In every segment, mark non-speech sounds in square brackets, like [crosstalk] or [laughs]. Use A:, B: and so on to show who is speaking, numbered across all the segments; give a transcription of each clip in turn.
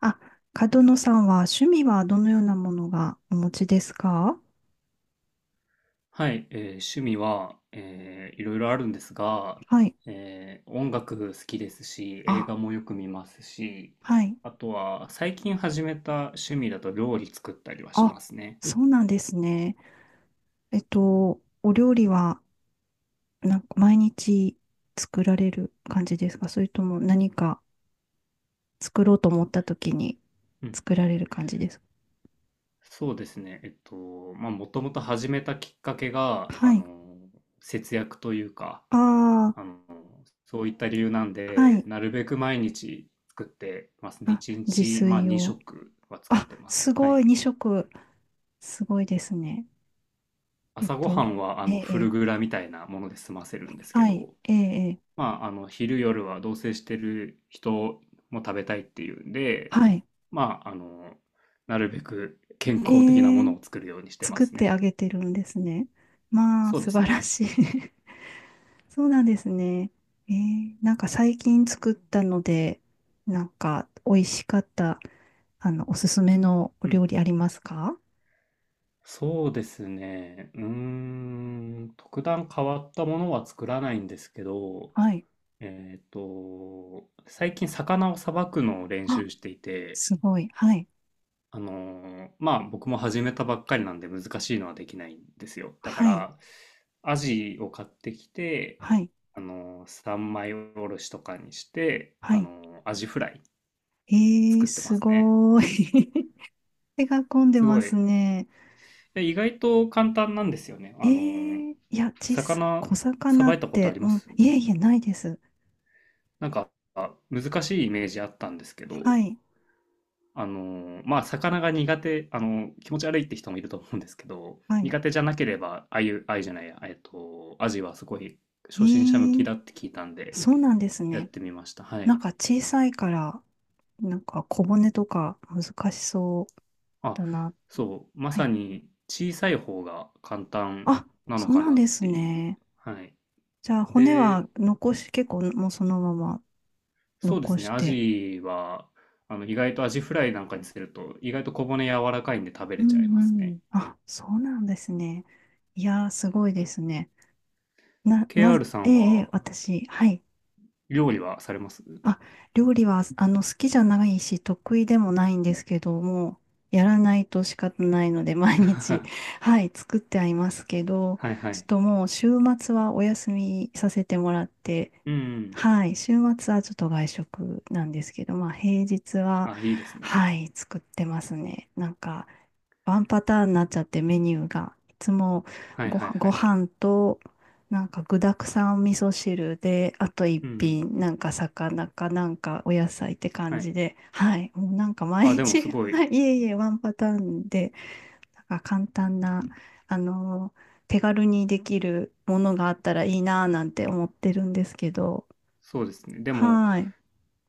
A: あ、角野さんは趣味はどのようなものがお持ちですか？
B: はい、趣味は、いろいろあるんですが、
A: はい。
B: 音楽好きですし、映
A: あ、
B: 画もよく見ますし、
A: はい。
B: あとは最近始めた趣味だと料理作ったりはし
A: あ、
B: ますね。
A: そうなんですね。お料理はなんか毎日作られる感じですか、それとも何か作ろうと思った時に
B: うん。
A: 作られる感じですか？
B: そうですね。まあ、もともと始めたきっかけが、
A: はい。
B: 節約というか、
A: あ
B: あの、そういった理由なん
A: あ、は
B: で、
A: い。
B: なるべく毎日作ってますね。
A: あ、
B: 1
A: 自
B: 日、まあ、
A: 炊を。
B: 2食は作っ
A: あ、
B: てます。
A: す
B: は
A: ご
B: い。
A: い、2食。すごいですね。えっ
B: 朝ご
A: と、
B: はんは
A: ええ、
B: フ
A: え
B: ル
A: え、
B: グラみたいなもので済ませるんですけ
A: はい、
B: ど、
A: ええ、ええ、
B: まあ、昼夜は同棲してる人も食べたいっていうんで、
A: はい。
B: まあ、なるべく健
A: え
B: 康的なも
A: え、
B: のを作るようにしてま
A: 作っ
B: す
A: て
B: ね。
A: あげてるんですね。まあ、
B: そうで
A: 素
B: す
A: 晴ら
B: ね。
A: しい。[laughs] そうなんですね。なんか最近作ったので、なんか美味しかった、あの、おすすめのお
B: うんう
A: 料理
B: ん。
A: ありますか？
B: そうですね。特段変わったものは作らないんですけど、
A: はい。
B: 最近魚をさばくのを練
A: あ、
B: 習していて、
A: すごい。はい。
B: あのまあ僕も始めたばっかりなんで難しいのはできないんですよ。だか
A: はい。
B: ら、アジを買ってきて、
A: はい。
B: 三枚おろしとかにして、
A: はい。
B: アジフライ
A: えー、
B: 作ってま
A: す
B: すね。
A: ごい。[laughs] 手が込んで
B: すご
A: ます
B: い。
A: ね。
B: で意外と簡単なんですよね。
A: え
B: ー
A: ー、いや、小さい。
B: 魚
A: 小
B: さ
A: 魚っ
B: ばいたことあ
A: て、
B: り
A: う
B: ま
A: ん、
B: す？
A: いえいえ、ないです。
B: なんか、難しいイメージあったんですけど、
A: はい。
B: まあ、魚が苦手、気持ち悪いって人もいると思うんですけど、
A: はい。
B: 苦手じゃなければ、あゆ、あゆじゃないや、アジはすごい
A: え
B: 初心者向き
A: ー、
B: だって聞いたんで、
A: そうなんです
B: やっ
A: ね。
B: てみました。は
A: なん
B: い。
A: か小さいから、なんか小骨とか難しそう
B: あ、
A: だな。
B: そう、ま
A: は
B: さ
A: い。
B: に小さい方が簡単
A: あ、
B: なの
A: そう
B: か
A: なん
B: な
A: で
B: っ
A: す
B: ていう。
A: ね。
B: はい。
A: じゃあ骨
B: で、
A: は残し、結構もうそのまま
B: そうで
A: 残
B: すね、
A: し
B: ア
A: て。
B: ジは、意外とアジフライなんかにすると、意外と小骨柔らかいんで食べ
A: う
B: れちゃい
A: ん
B: ます
A: う
B: ね。
A: ん。あ、そうなんですね。いやー、すごいですね。な、な、
B: KR さ
A: え
B: ん
A: え、ええ、
B: は、
A: 私、はい。
B: 料理はされます？
A: あ、料理は、あの、好きじゃないし、得意でもないんですけども、やらないと仕方ないので、毎日、
B: [laughs]
A: [laughs] はい、作ってはいますけど、
B: はいは
A: ちょっ
B: い。
A: ともう、週末はお休みさせてもらって、
B: うん、
A: はい、週末はちょっと外食なんですけど、まあ、平日は、
B: あ、いいですね。
A: はい、作ってますね。なんか、ワンパターンになっちゃってメニューが。いつも
B: はい
A: ご
B: は
A: 飯、
B: いは
A: ご
B: い。
A: 飯と、なんか具沢山味噌汁で、あと一
B: うんうん。
A: 品、なんか魚かなんかお野菜って感
B: は
A: じ
B: い。
A: で、はい。もうなんか毎
B: あ、でも
A: 日、
B: す
A: [laughs]
B: ご
A: は
B: い、
A: い。いえいえ、ワンパターンで、なんか簡単な、あの手軽にできるものがあったらいいなぁなんて思ってるんですけど、
B: そうですね。でも、
A: はい。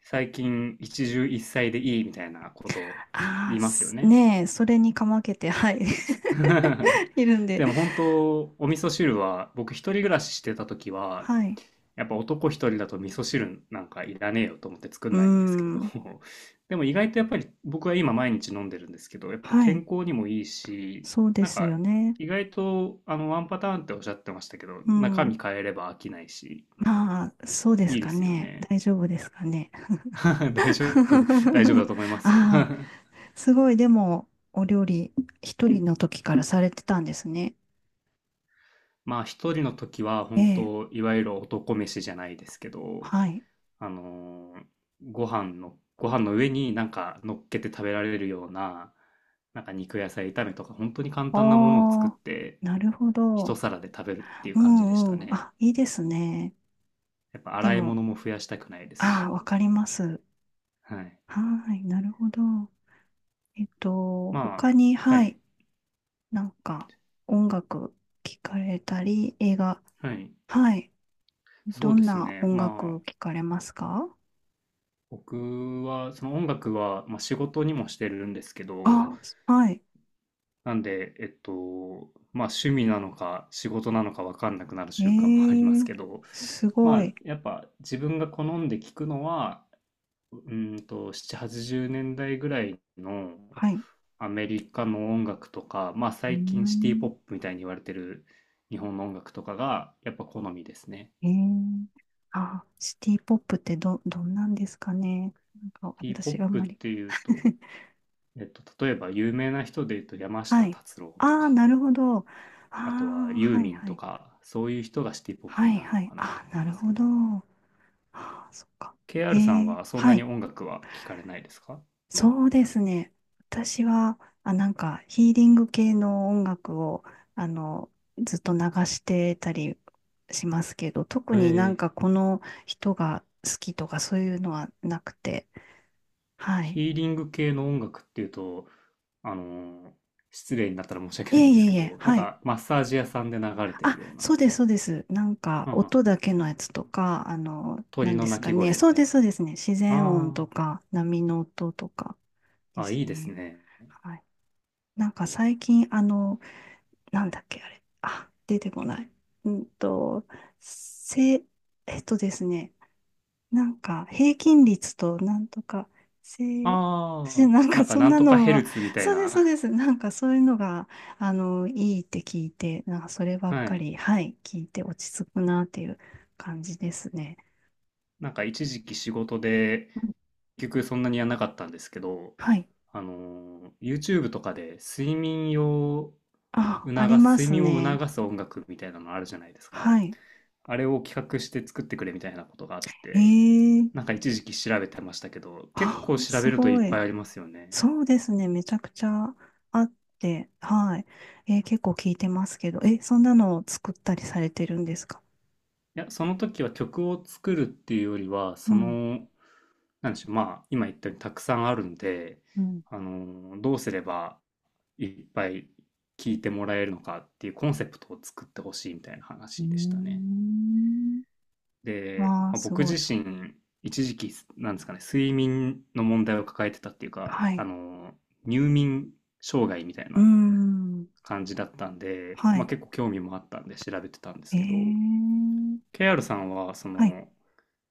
B: 最近、一汁一菜でいいみたいなことを
A: あ
B: 言
A: あ、
B: いますよ
A: す
B: ね。
A: ねえ、それにかまけて、はい。[laughs]
B: [laughs]
A: いるんで、
B: でも本当、お味噌汁は、僕一人暮らししてた時は、
A: はい。
B: やっぱ男一人だと味噌汁なんかいらねえよと思って作
A: う
B: ん
A: ー
B: ないんですけど、
A: ん。
B: [laughs] でも意外とやっぱり僕は今毎日飲んでるんですけど、やっぱ
A: は
B: 健
A: い。
B: 康にもいいし、
A: そうで
B: なん
A: す
B: か
A: よね。
B: 意外とワンパターンっておっしゃってましたけど、
A: う
B: 中
A: ん。
B: 身変えれば飽きないし、
A: まあ、そうです
B: いいで
A: か
B: すよ
A: ね。
B: ね。
A: 大丈夫ですかね。
B: [laughs] 大丈夫、大丈夫だ
A: [laughs]
B: と思いますよ。 [laughs]
A: ああ、すごい、でも、お料理、一人の時からされてたんですね。
B: まあ一人の時は
A: え
B: 本
A: え、
B: 当いわゆる男飯じゃないですけど、
A: はい。
B: あのーご飯の上になんか乗っけて食べられるような、なんか肉野菜炒めとか、本当に簡
A: あ
B: 単なものを作っ
A: あ、
B: て、
A: なるほ
B: 一
A: ど。
B: 皿で食べるっていう
A: う
B: 感じでした
A: んうん。
B: ね。
A: あ、いいですね。
B: やっぱ
A: で
B: 洗い
A: も、
B: 物も増やしたくないです
A: ああ、
B: し。
A: わかります。
B: はい。
A: はい、なるほど。
B: まあ、
A: 他に、
B: は
A: は
B: い。
A: い、なんか、音楽聞かれたり、映画、
B: はい。
A: はい。
B: そ
A: ど
B: うで
A: ん
B: す
A: な
B: ね。
A: 音
B: ま
A: 楽
B: あ、
A: を聴かれますか？
B: 僕は、その音楽は、まあ、仕事にもしてるんですけど、
A: あ、はい。
B: なんで、まあ趣味なのか仕事なのか分かんなくなる
A: え
B: 瞬間もありま
A: え、
B: すけど、
A: す
B: ま
A: ご
B: あ
A: い。
B: やっぱ自分が好んで聞くのは、7、80年代ぐらいの
A: はい。う
B: アメリカの音楽とか、まあ
A: ー
B: 最近シティポッ
A: ん。
B: プみたいに言われてる日本の音楽とかがやっぱ好みですね。
A: ええ、あ、シティポップって、どんなんですかね。なんか
B: シティポッ
A: 私あん
B: プっ
A: まり。
B: ていうと、
A: [laughs]
B: 例えば有名な人で言うと山下
A: はい。
B: 達郎と
A: ああ、
B: か、
A: なるほど。あ
B: あとは
A: あ、
B: ユー
A: はい
B: ミン
A: は
B: と
A: い。
B: か、そういう人がシティポッ
A: は
B: プに
A: い
B: なる
A: は
B: の
A: い。
B: かなと
A: あ、
B: 思い
A: な
B: ま
A: る
B: す
A: ほ
B: けど。
A: ど。ああ、そっか。え
B: KR さん
A: え、
B: はそんな
A: は
B: に
A: い。
B: 音楽は聞かれないですか？
A: そうですね。私は、あ、なんかヒーリング系の音楽を、あの、ずっと流してたりしますけど、特
B: え
A: になん
B: え、
A: かこの人が好きとかそういうのはなくて、はい。
B: ヒーリング系の音楽っていうと、あのー失礼になったら申し訳
A: い
B: ない
A: え
B: んで
A: い
B: す
A: えい
B: け
A: え、
B: ど、なん
A: はい。
B: かマッサージ屋さんで流れてる
A: あ、
B: ような、
A: そうです、そうです。なんか
B: はんはん
A: 音だけのやつとか、あの、な
B: 鳥
A: んで
B: の
A: す
B: 鳴
A: か
B: き
A: ね。
B: 声み
A: そう
B: た
A: で
B: い
A: す、
B: な。
A: そうですね。自然音
B: あ
A: とか、波の音とか
B: あ、
A: で
B: あ、
A: す
B: いいです
A: ね。
B: ね。
A: はい。なんか最近、あの、なんだっけ、あれ。あ、出てこない。うんと、せ、えっとですね、なんか、平均率となんとか、せ、私
B: ああ、
A: なん
B: な
A: か
B: んか
A: そん
B: なん
A: な
B: とか
A: の
B: ヘ
A: が、
B: ルツみたい
A: そうです、そう
B: な。
A: です。なんかそういうのが、あの、いいって聞いて、なんかそれ
B: [laughs]
A: ばっ
B: は
A: か
B: い。
A: り、はい、聞いて落ち着くなっていう感じですね。
B: なんか一時期仕事で、
A: うん、
B: 結局そんなにやんなかったんですけど、
A: はい。
B: YouTube とかで
A: あ、ありま
B: 睡
A: す
B: 眠を
A: ね。
B: 促す音楽みたいなのあるじゃないですか。
A: はい。
B: あれを企画して作ってくれみたいなことがあって、
A: え
B: な
A: え、
B: んか一時期調べてましたけど、結
A: あ、
B: 構調
A: す
B: べるといっ
A: ご
B: ぱい
A: い。
B: ありますよね。
A: そうですね、めちゃくちゃあって、はい。えー結構聞いてますけど、え、そんなのを作ったりされてるんですか？
B: いや、その時は曲を作るっていうよりは、
A: うん、
B: なんでしょう、まあ、今言ったようにたくさんあるんで、
A: うん。
B: どうすればいっぱい聴いてもらえるのかっていうコンセプトを作ってほしいみたいな
A: うー
B: 話でしたね。
A: ん。
B: で、ま
A: わあ、
B: あ、
A: す
B: 僕
A: ご
B: 自
A: い。
B: 身、一時期、なんですかね、睡眠の問題を抱えてたっていうか、
A: はい。
B: 入眠障害みたい
A: うー
B: な
A: ん。
B: 感じだったんで、
A: は
B: まあ
A: い。
B: 結構興味もあったんで調べてたんですけど、
A: ええ、
B: KR さんは、
A: はい。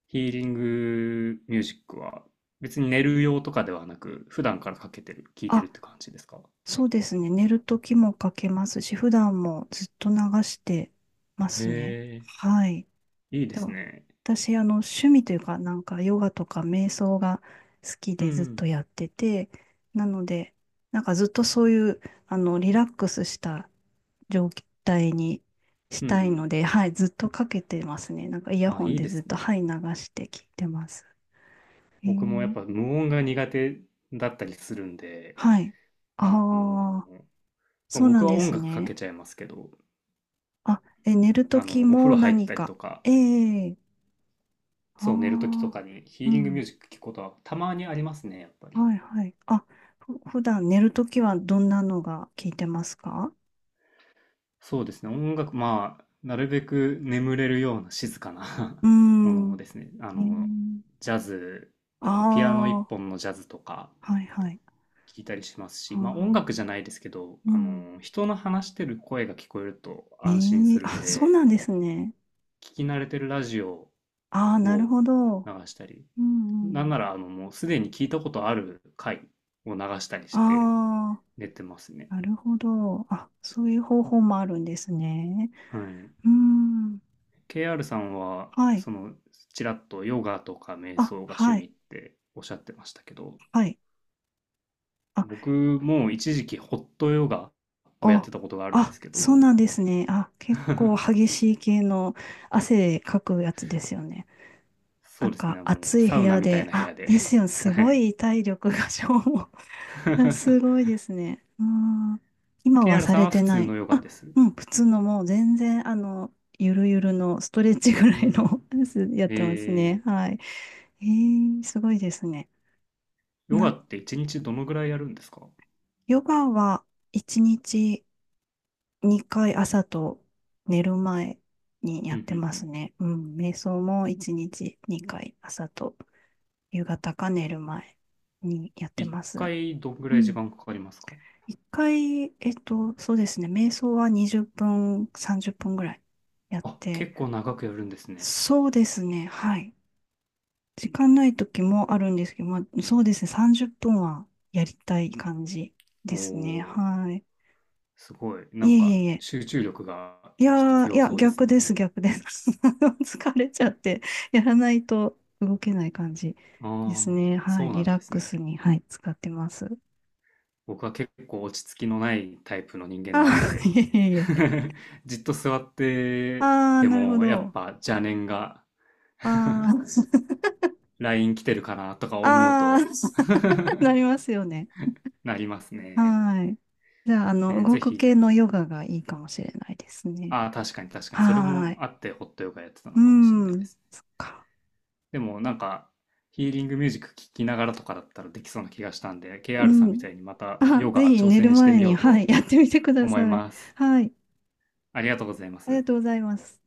B: ヒーリングミュージックは、別に寝る用とかではなく、普段からかけてる、聞いてる
A: あ、
B: って感じですか？
A: そうですね。寝るときもかけますし、普段もずっと流してます
B: へ
A: ね。はい。
B: え、いいで
A: で
B: す
A: も
B: ね。
A: 私、あの、趣味というか、なんか、ヨガとか瞑想が好き
B: う
A: でずっ
B: ん、
A: とやってて、なので、なんかずっとそういう、あの、リラックスした状態にし
B: うん、う
A: たい
B: ん。
A: ので、はい、ずっとかけてますね。なんか、イヤ
B: あ、
A: ホン
B: いい
A: で
B: で
A: ずっ
B: す
A: と、
B: ね。
A: はい、流して聞いてます。え
B: 僕もやっ
A: ー、
B: ぱ無音が苦手だったりするんで、
A: はい。
B: あ
A: ああ、
B: まあ、
A: そうな
B: 僕
A: ん
B: は
A: で
B: 音
A: す
B: 楽かけ
A: ね。
B: ちゃいますけど、
A: あ、え、寝るとき
B: お風
A: も
B: 呂入っ
A: 何
B: たり
A: か。
B: とか、
A: ええ、あ
B: そう、寝るときと
A: あ
B: かにヒ
A: ー、う
B: ーリングミュ
A: ん。
B: ージック聞くことはたまにありますね、やっぱり。
A: はいはい。あ、普段寝るときはどんなのが聞いてますか？
B: そうですね、音楽、まあ、なるべく眠れるような静かな
A: うー
B: [laughs] もの
A: ん。
B: をですね、
A: えー、
B: ジャズ、ピアノ一
A: あ
B: 本のジャズとか
A: あ、はいはい。
B: 聞いたりしますし、
A: あ
B: まあ音楽じゃないですけど、
A: ーうん。
B: 人の話してる声が聞こえると
A: え
B: 安心
A: え、
B: するん
A: あ、そう
B: で、
A: なんですね。
B: 聞き慣れてるラジオ
A: ああ、なる
B: を
A: ほど。
B: 流したり、
A: うんう
B: なん
A: ん。
B: なら、もうすでに聞いたことある回を流したりして
A: あ
B: 寝てますね。
A: あ、なるほど。あ、そういう方法もあるんですね。
B: はい。
A: うん。
B: KR さんは、
A: はい。
B: ちらっとヨガとか瞑
A: あ、
B: 想が趣
A: は
B: 味
A: い。
B: っておっしゃってましたけど、
A: はい。あ、
B: 僕も一時期ホットヨガをやっ
A: お、
B: てたことがあるんで
A: あ、
B: すけ
A: そう
B: ど、
A: なんですね。あ、結構
B: [laughs]
A: 激しい系の汗かくやつですよね。な
B: そう
A: ん
B: です
A: か
B: ね、もう
A: 暑い
B: サ
A: 部
B: ウナ
A: 屋
B: みたい
A: で、
B: な部
A: あ、
B: 屋で。
A: ですよ、す
B: は
A: ご
B: い。
A: い体力が消耗。[laughs] すごい
B: [laughs]
A: ですね。うん、今は
B: KR
A: さ
B: さん
A: れ
B: は
A: て
B: 普
A: な
B: 通の
A: い。
B: ヨガ
A: あ、
B: です？
A: うん、普通のもう全然、あの、ゆるゆるのストレッチぐら
B: う
A: いの
B: ん。
A: [laughs] やつやってますね。
B: え
A: はい。えー、すごいですね。
B: ヨガ
A: な、
B: って一日どのぐらいやるんですか？
A: ヨガは1日2回朝と寝る前にや
B: う
A: って
B: ん
A: ま
B: う
A: す
B: ん [laughs]
A: ね。うん、瞑想も1日2回朝と夕方か寝る前にやって
B: 一
A: ます。
B: 回どんぐ
A: う
B: らい時
A: ん。
B: 間かかりますか？
A: 一回、えっと、そうですね。瞑想は20分、30分ぐらいやっ
B: あ、
A: て、
B: 結構長くやるんですね。
A: そうですね。はい。時間ない時もあるんですけど、まあ、そうですね。30分はやりたい感じ
B: お
A: ですね。
B: ー、
A: はい。
B: すごい。な
A: い
B: ん
A: えい
B: か
A: えいえ。
B: 集中力が
A: いや
B: 必
A: ー、い
B: 要
A: や、
B: そうです
A: 逆
B: ね。
A: です、逆です。[laughs] 疲れちゃって、やらないと動けない感じです
B: ああ、
A: ね。は
B: そ
A: い。
B: うな
A: リ
B: ん
A: ラッ
B: です
A: ク
B: ね。
A: スに、はい、使ってます。
B: 僕は結構落ち着きのないタイプの人間なん
A: あー、[laughs]
B: で、
A: いえいえいえ。
B: [laughs] じっと座って
A: あー、
B: て
A: なるほ
B: もやっ
A: ど。
B: ぱ邪念が、
A: ああ、
B: [laughs] LINE 来てるかなとか思う
A: ああ、
B: と、
A: [laughs] なりま
B: [laughs]
A: すよね。
B: なりますね。
A: はい。じゃあ、あの、動
B: ぜ
A: く
B: ひ
A: 系
B: ね。
A: のヨガがいいかもしれないですね。
B: ああ、確かに確かに。それ
A: は
B: も
A: い。
B: あってホットヨガやってたの
A: う
B: かもしれないで
A: ん。
B: すね。
A: そっか。
B: でもなんかヒーリングミュージック聴きながらとかだったらできそうな気がしたんで、
A: う
B: KR さんみ
A: ん。
B: たいにまた
A: あ、
B: ヨ
A: ぜ
B: ガ
A: ひ
B: 挑
A: 寝る
B: 戦して
A: 前
B: みよ
A: に、
B: う
A: はい、
B: と
A: やってみてくだ
B: 思い
A: さい。
B: ます。
A: はい。
B: ありがとうございま
A: ありが
B: す。
A: とうございます。